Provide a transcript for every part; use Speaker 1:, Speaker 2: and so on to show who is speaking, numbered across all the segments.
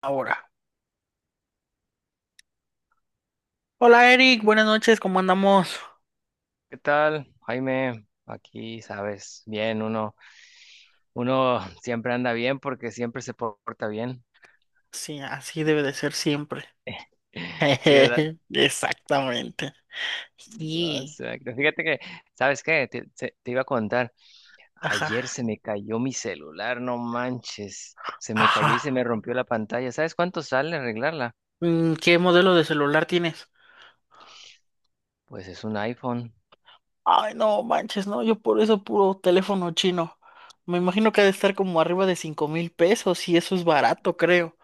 Speaker 1: Ahora. Hola Eric, buenas noches, ¿cómo andamos?
Speaker 2: ¿Qué tal, Jaime? Aquí, sabes, bien, uno siempre anda bien porque siempre se porta bien.
Speaker 1: Sí, así debe de ser siempre.
Speaker 2: Sí, ¿verdad?
Speaker 1: Exactamente.
Speaker 2: Ah, O
Speaker 1: Sí.
Speaker 2: sea, que fíjate que, ¿Sabes qué? Te iba a contar,
Speaker 1: Ajá.
Speaker 2: ayer se me cayó mi celular, no manches, se me
Speaker 1: Ajá.
Speaker 2: cayó y se me rompió la pantalla. ¿Sabes cuánto sale arreglarla?
Speaker 1: ¿Qué modelo de celular tienes?
Speaker 2: Pues es un iPhone.
Speaker 1: Ay, no manches, no, yo por eso puro teléfono chino. Me imagino que ha de estar como arriba de 5,000 pesos y eso es barato, creo.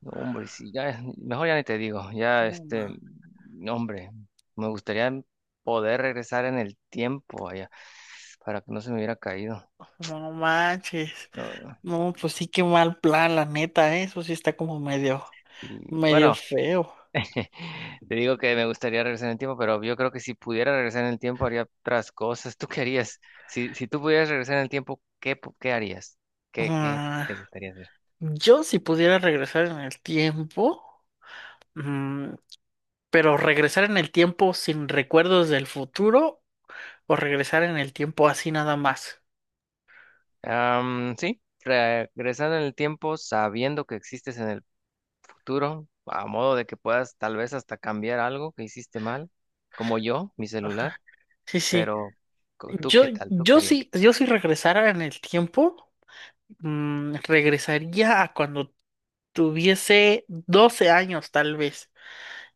Speaker 2: No, hombre, sí, ya, mejor ya ni te digo, ya,
Speaker 1: No, ma-
Speaker 2: no, hombre, me gustaría poder regresar en el tiempo allá para que no se me hubiera caído.
Speaker 1: no manches.
Speaker 2: No,
Speaker 1: No, pues sí, qué mal plan, la neta, ¿eh? Eso sí está como medio,
Speaker 2: sí.
Speaker 1: medio
Speaker 2: Bueno,
Speaker 1: feo.
Speaker 2: te digo que me gustaría regresar en el tiempo, pero yo creo que si pudiera regresar en el tiempo haría otras cosas. ¿Tú qué harías? Si tú pudieras regresar en el tiempo, ¿qué harías? ¿Qué, qué
Speaker 1: Ah,
Speaker 2: te gustaría hacer?
Speaker 1: yo si pudiera regresar en el tiempo, mm, pero regresar en el tiempo sin recuerdos del futuro o regresar en el tiempo así nada más.
Speaker 2: Sí, regresando en el tiempo sabiendo que existes en el futuro, a modo de que puedas tal vez hasta cambiar algo que hiciste mal, como yo, mi celular,
Speaker 1: Ajá. Sí, sí.
Speaker 2: pero ¿tú
Speaker 1: Yo,
Speaker 2: qué tal? ¿Tú qué
Speaker 1: yo
Speaker 2: harías?
Speaker 1: sí, yo si regresara en el tiempo, regresaría a cuando tuviese 12 años tal vez.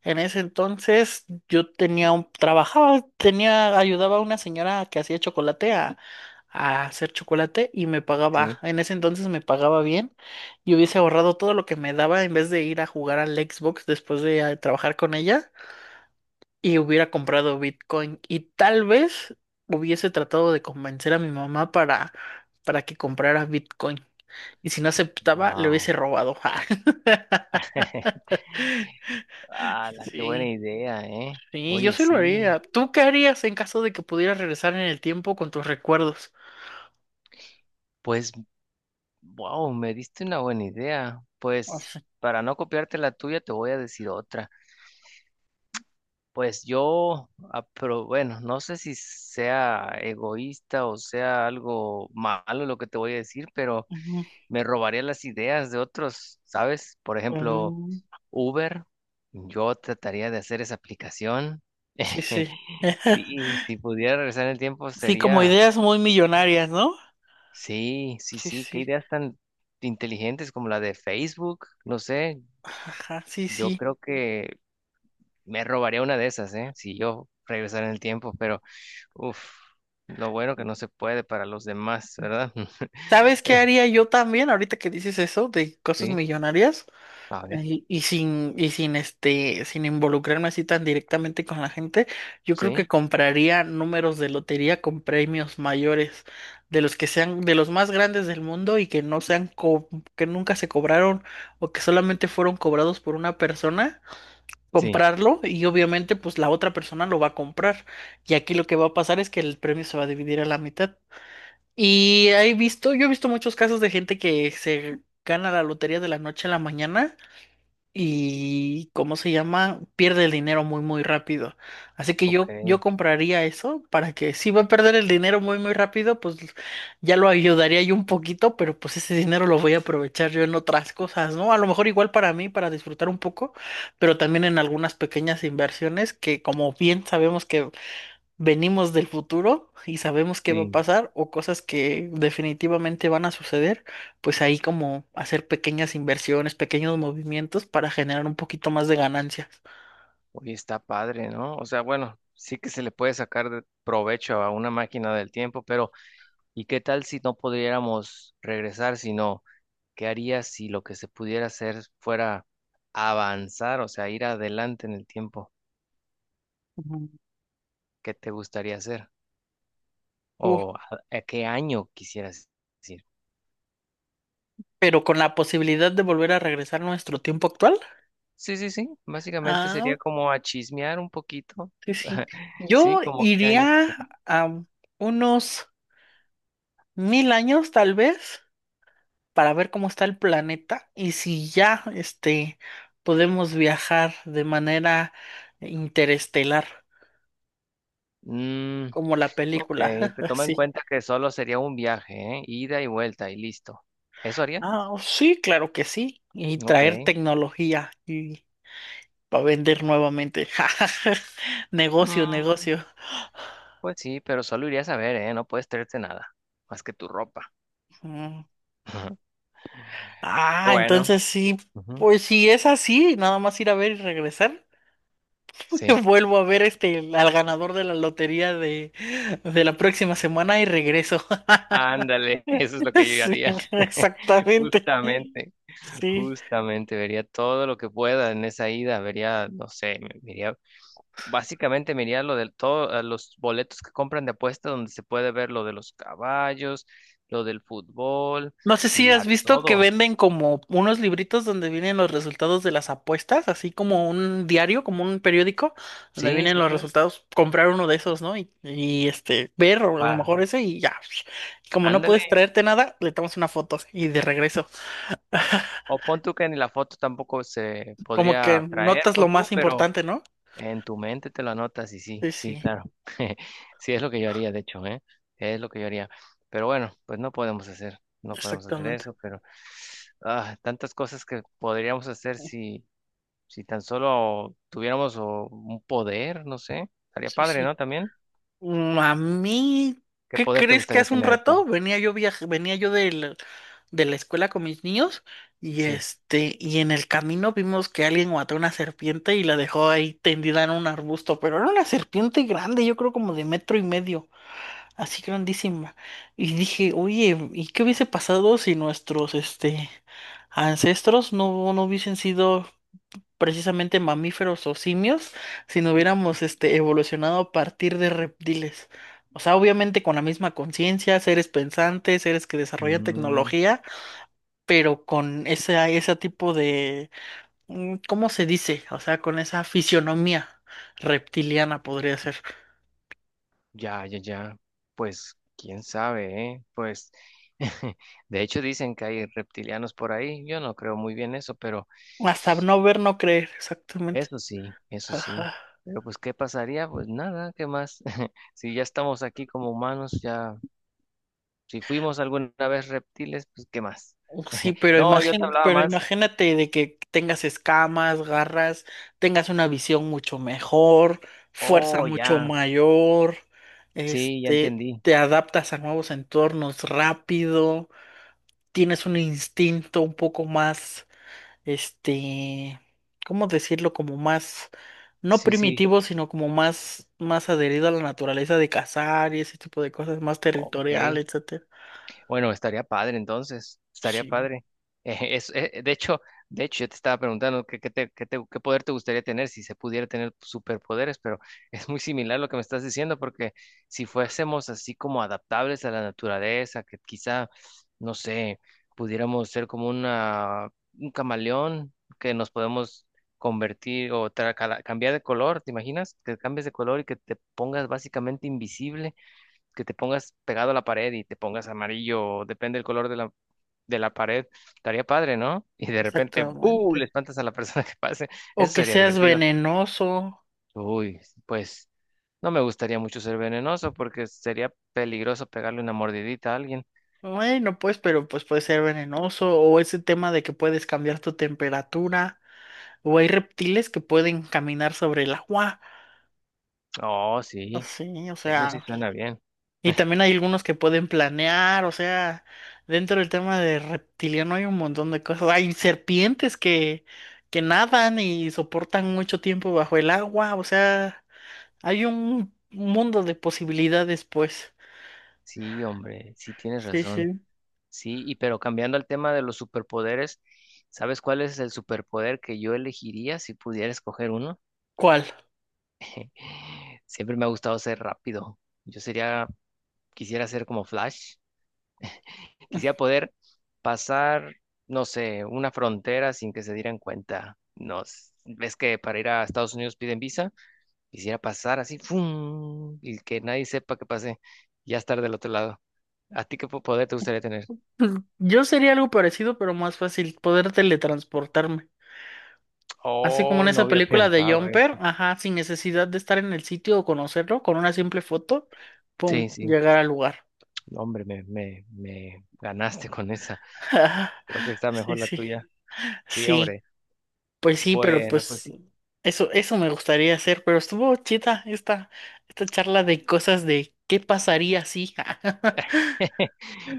Speaker 1: En ese entonces yo tenía un, trabajaba, tenía, ayudaba a una señora que hacía chocolate a hacer chocolate y me pagaba,
Speaker 2: Sí.
Speaker 1: en ese entonces me pagaba bien y hubiese ahorrado todo lo que me daba en vez de ir a jugar al Xbox después de trabajar con ella y hubiera comprado Bitcoin y tal vez hubiese tratado de convencer a mi mamá para que comprara Bitcoin y si no aceptaba le hubiese
Speaker 2: Wow.
Speaker 1: robado.
Speaker 2: ¡Hala, qué buena
Speaker 1: Sí,
Speaker 2: idea, eh!
Speaker 1: sí, yo
Speaker 2: Oye,
Speaker 1: sí lo
Speaker 2: sí,
Speaker 1: haría. ¿Tú qué harías en caso de que pudieras regresar en el tiempo con tus recuerdos?
Speaker 2: pues, wow, me diste una buena idea.
Speaker 1: O
Speaker 2: Pues,
Speaker 1: sea,
Speaker 2: para no copiarte la tuya, te voy a decir otra. Pues yo, pero bueno, no sé si sea egoísta o sea algo malo lo que te voy a decir, pero
Speaker 1: ujú,
Speaker 2: me robaría las ideas de otros, ¿sabes? Por ejemplo,
Speaker 1: mm,
Speaker 2: Uber, yo trataría de hacer esa aplicación.
Speaker 1: sí, sí.
Speaker 2: Sí, si pudiera regresar en el tiempo
Speaker 1: Sí, como
Speaker 2: sería.
Speaker 1: ideas muy millonarias, ¿no?
Speaker 2: Sí, sí,
Speaker 1: Sí,
Speaker 2: sí, qué
Speaker 1: sí.
Speaker 2: ideas tan inteligentes como la de Facebook, no sé,
Speaker 1: Ajá, sí,
Speaker 2: yo
Speaker 1: sí.
Speaker 2: creo que me robaría una de esas, ¿eh? Si yo regresara en el tiempo, pero uff, lo bueno que no se puede para los demás, ¿verdad?
Speaker 1: ¿Sabes qué
Speaker 2: Eh,
Speaker 1: haría yo también ahorita que dices eso de cosas
Speaker 2: sí,
Speaker 1: millonarias?
Speaker 2: a ver,
Speaker 1: Ay, y sin, y sin este, sin involucrarme así tan directamente con la gente, yo creo
Speaker 2: sí,
Speaker 1: que compraría números de lotería con premios mayores, de los que sean, de los más grandes del mundo y que no sean co- que nunca se cobraron o que solamente fueron cobrados por una persona,
Speaker 2: sí,
Speaker 1: comprarlo y obviamente pues la otra persona lo va a comprar. Y aquí lo que va a pasar es que el premio se va a dividir a la mitad. Y he visto, yo he visto muchos casos de gente que se gana la lotería de la noche a la mañana y ¿cómo se llama? Pierde el dinero muy muy rápido. Así que
Speaker 2: ok,
Speaker 1: yo compraría eso para que si va a perder el dinero muy muy rápido, pues ya lo ayudaría yo un poquito, pero pues ese dinero lo voy a aprovechar yo en otras cosas, ¿no? A lo mejor igual para mí, para disfrutar un poco, pero también en algunas pequeñas inversiones que como bien sabemos que venimos del futuro y sabemos qué va a
Speaker 2: sí.
Speaker 1: pasar o cosas que definitivamente van a suceder, pues ahí como hacer pequeñas inversiones, pequeños movimientos para generar un poquito más de ganancias.
Speaker 2: Oye, está padre, ¿no? O sea, bueno, sí que se le puede sacar de provecho a una máquina del tiempo, pero ¿y qué tal si no pudiéramos regresar, sino ¿qué harías si lo que se pudiera hacer fuera avanzar, o sea, ir adelante en el tiempo?
Speaker 1: Ujú.
Speaker 2: ¿Qué te gustaría hacer?
Speaker 1: Uh,
Speaker 2: ¿A qué año quisieras ir?
Speaker 1: pero con la posibilidad de volver a regresar a nuestro tiempo actual.
Speaker 2: Sí, sí, sí. Básicamente
Speaker 1: Ah,
Speaker 2: sería como a chismear un poquito.
Speaker 1: sí, sí.
Speaker 2: Sí,
Speaker 1: Yo
Speaker 2: como qué año.
Speaker 1: iría a unos 1,000 años, tal vez, para ver cómo está el planeta y si ya podemos viajar de manera interestelar,
Speaker 2: Mm,
Speaker 1: como la
Speaker 2: ok,
Speaker 1: película.
Speaker 2: pero toma en
Speaker 1: Así.
Speaker 2: cuenta que solo sería un viaje, ¿eh? Ida y vuelta y listo. ¿Eso haría?
Speaker 1: Ah, oh, sí, claro que sí. Y
Speaker 2: Ok.
Speaker 1: traer tecnología y para vender nuevamente. Negocio,
Speaker 2: Mm,
Speaker 1: negocio.
Speaker 2: pues sí, pero solo irías a ver, ¿eh? No puedes traerte nada, más que tu ropa.
Speaker 1: Mm. Ah,
Speaker 2: Bueno.
Speaker 1: entonces sí,
Speaker 2: Ujú.
Speaker 1: pues si es así, nada más ir a ver y regresar.
Speaker 2: Sí.
Speaker 1: Vuelvo a ver al ganador de la lotería de la próxima semana y regreso.
Speaker 2: Ándale, eso es lo que yo
Speaker 1: Sí,
Speaker 2: haría.
Speaker 1: exactamente.
Speaker 2: Justamente,
Speaker 1: Sí.
Speaker 2: justamente, vería todo lo que pueda en esa ida, vería, no sé, me- me básicamente miraría lo de todos los boletos que compran de apuesta donde se puede ver lo de los caballos, lo del fútbol
Speaker 1: No sé si
Speaker 2: y
Speaker 1: has
Speaker 2: a
Speaker 1: visto que
Speaker 2: todo.
Speaker 1: venden como unos libritos donde vienen los resultados de las apuestas, así como un diario, como un periódico, donde
Speaker 2: Sí,
Speaker 1: vienen
Speaker 2: sí,
Speaker 1: los
Speaker 2: sí.
Speaker 1: resultados. Comprar uno de esos, ¿no? Ver o a lo
Speaker 2: Pa,
Speaker 1: mejor ese y ya. Como no puedes
Speaker 2: ándale.
Speaker 1: traerte nada, le tomas una foto y de regreso.
Speaker 2: O pon tú que ni la foto tampoco se
Speaker 1: Como que
Speaker 2: podría traer,
Speaker 1: notas lo
Speaker 2: pon tú,
Speaker 1: más
Speaker 2: pero
Speaker 1: importante, ¿no?
Speaker 2: en tu mente te lo anotas y sí,
Speaker 1: Sí,
Speaker 2: sí,
Speaker 1: sí,
Speaker 2: claro. Sí, es lo que yo haría, de hecho, ¿eh? Es lo que yo haría. Pero bueno, no podemos hacer
Speaker 1: exactamente.
Speaker 2: eso, pero tantas cosas que podríamos hacer si tan solo tuviéramos un poder, no sé. Estaría
Speaker 1: Sí,
Speaker 2: padre,
Speaker 1: sí.
Speaker 2: ¿no? También.
Speaker 1: A mí,
Speaker 2: ¿Qué
Speaker 1: ¿qué
Speaker 2: poder te
Speaker 1: crees que
Speaker 2: gustaría
Speaker 1: hace un
Speaker 2: tener a ti?
Speaker 1: rato venía yo de la escuela con mis niños y
Speaker 2: Sí.
Speaker 1: y en el camino vimos que alguien mató una serpiente y la dejó ahí tendida en un arbusto, pero era una serpiente grande, yo creo como de metro y medio, así grandísima. Y dije, oye, ¿y qué hubiese pasado si nuestros ancestros no no hubiesen sido precisamente mamíferos o simios si no hubiéramos evolucionado a partir de reptiles. O sea, obviamente con la misma conciencia, seres pensantes, seres que desarrollan
Speaker 2: Mm,
Speaker 1: tecnología, pero con ese tipo de, ¿cómo se dice? O sea, con esa fisionomía reptiliana podría ser.
Speaker 2: ya, ya, ya. Pues, quién sabe, ¿eh? Pues, de hecho dicen que hay reptilianos por ahí. Yo no creo muy bien eso, pero...
Speaker 1: Hasta no ver, no creer, exactamente.
Speaker 2: Eso sí, eso sí. Pero pues, ¿qué pasaría? Pues nada, ¿qué más? Si ya estamos aquí como humanos, ya, si fuimos alguna vez reptiles, pues ¿qué más?
Speaker 1: Oh, sí, pero
Speaker 2: No, yo te hablaba más.
Speaker 1: imagínate de que tengas escamas, garras, tengas una visión mucho mejor, fuerza
Speaker 2: Oh,
Speaker 1: mucho
Speaker 2: ya.
Speaker 1: mayor,
Speaker 2: Sí, ya entendí.
Speaker 1: te adaptas a nuevos entornos rápido, tienes un instinto un poco más, este, ¿cómo decirlo? Como más, no
Speaker 2: Sí, sí.
Speaker 1: primitivo, sino como más adherido a la naturaleza de cazar y ese tipo de cosas, más
Speaker 2: Ok.
Speaker 1: territorial, etcétera.
Speaker 2: Bueno, estaría padre entonces, estaría
Speaker 1: Sí,
Speaker 2: padre. Eh, es, eh, de hecho, de hecho, yo te estaba preguntando qué poder te gustaría tener si se pudiera tener superpoderes, pero es muy similar lo que me estás diciendo, porque si fuésemos así como adaptables a la naturaleza, que quizá, no sé, pudiéramos ser como un camaleón, que nos podemos convertir o cambiar de color, ¿te imaginas? Que cambies de color y que te pongas básicamente invisible, que te pongas pegado a la pared y te pongas amarillo, o depende del color de de la pared, estaría padre, ¿no? Y de repente, ¡buh!
Speaker 1: exactamente.
Speaker 2: Le espantas a la persona que pase.
Speaker 1: O
Speaker 2: Eso
Speaker 1: que
Speaker 2: sería
Speaker 1: seas
Speaker 2: divertido.
Speaker 1: venenoso.
Speaker 2: Uy, pues no me gustaría mucho ser venenoso porque sería peligroso pegarle una mordidita a alguien.
Speaker 1: Bueno, pues, pero pues puede ser venenoso. O ese tema de que puedes cambiar tu temperatura. O hay reptiles que pueden caminar sobre el agua.
Speaker 2: Oh, sí,
Speaker 1: Así, o
Speaker 2: eso sí
Speaker 1: sea.
Speaker 2: suena bien.
Speaker 1: Y también hay algunos que pueden planear. O sea, dentro del tema de reptiliano hay un montón de cosas. Hay serpientes que nadan y soportan mucho tiempo bajo el agua. O sea, hay un mundo de posibilidades, pues.
Speaker 2: Sí, hombre, sí tienes
Speaker 1: Sí,
Speaker 2: razón.
Speaker 1: sí.
Speaker 2: Sí, y pero cambiando al tema de los superpoderes, ¿sabes cuál es el superpoder que yo elegiría si pudiera escoger uno?
Speaker 1: ¿Cuál?
Speaker 2: Siempre me ha gustado ser rápido. Yo sería, quisiera ser como Flash. Quisiera poder pasar, no sé, una frontera sin que se dieran cuenta. No, ves que para ir a Estados Unidos piden visa. Quisiera pasar así, ¡fum! Y que nadie sepa que pasé. Y ya estar del otro lado. ¿A ti qué po- ¿poder te gustaría tener?
Speaker 1: Pues, yo sería algo parecido, pero más fácil, poder teletransportarme. Así como en
Speaker 2: Oh, no
Speaker 1: esa
Speaker 2: había
Speaker 1: película de
Speaker 2: pensado, eh.
Speaker 1: Jumper, ajá, sin necesidad de estar en el sitio o conocerlo, con una simple foto, pum,
Speaker 2: Sí, sí.
Speaker 1: llegar al lugar.
Speaker 2: No, hombre, me ganaste con esa. Creo que está
Speaker 1: Sí,
Speaker 2: mejor la
Speaker 1: sí,
Speaker 2: tuya. Sí,
Speaker 1: sí,
Speaker 2: hombre.
Speaker 1: pues sí, pero
Speaker 2: Bueno, pues
Speaker 1: pues
Speaker 2: sí.
Speaker 1: eso me gustaría hacer, pero estuvo chida esta charla de cosas de qué pasaría si.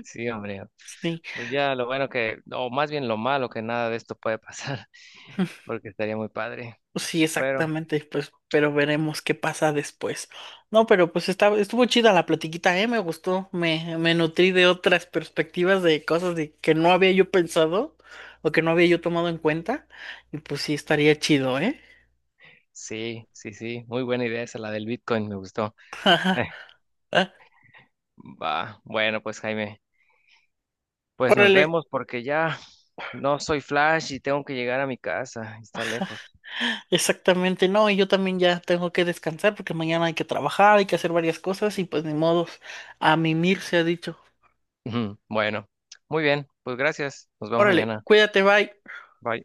Speaker 2: Sí, hombre.
Speaker 1: Sí,
Speaker 2: Pues ya lo bueno que, o más bien lo malo que nada de esto puede pasar, porque estaría muy padre.
Speaker 1: sí,
Speaker 2: Pero
Speaker 1: exactamente, pues, pero veremos qué pasa después. No, pero pues está, estuvo chida la platiquita, me gustó, me nutrí de otras perspectivas de cosas de que no había yo pensado o que no había yo tomado en cuenta, y pues sí estaría chido, ¿eh?
Speaker 2: sí, sí, sí, muy buena idea esa, la del Bitcoin, me gustó. Eh,
Speaker 1: Ah,
Speaker 2: va, bueno, pues Jaime, pues nos
Speaker 1: órale,
Speaker 2: vemos porque ya no soy Flash y tengo que llegar a mi casa, está lejos.
Speaker 1: exactamente, no, y yo también ya tengo que descansar porque mañana hay que trabajar, hay que hacer varias cosas y pues ni modos, a mimir se ha dicho.
Speaker 2: Ujú, bueno, muy bien, pues gracias, nos vemos
Speaker 1: Órale,
Speaker 2: mañana.
Speaker 1: cuídate, bye.
Speaker 2: Bye.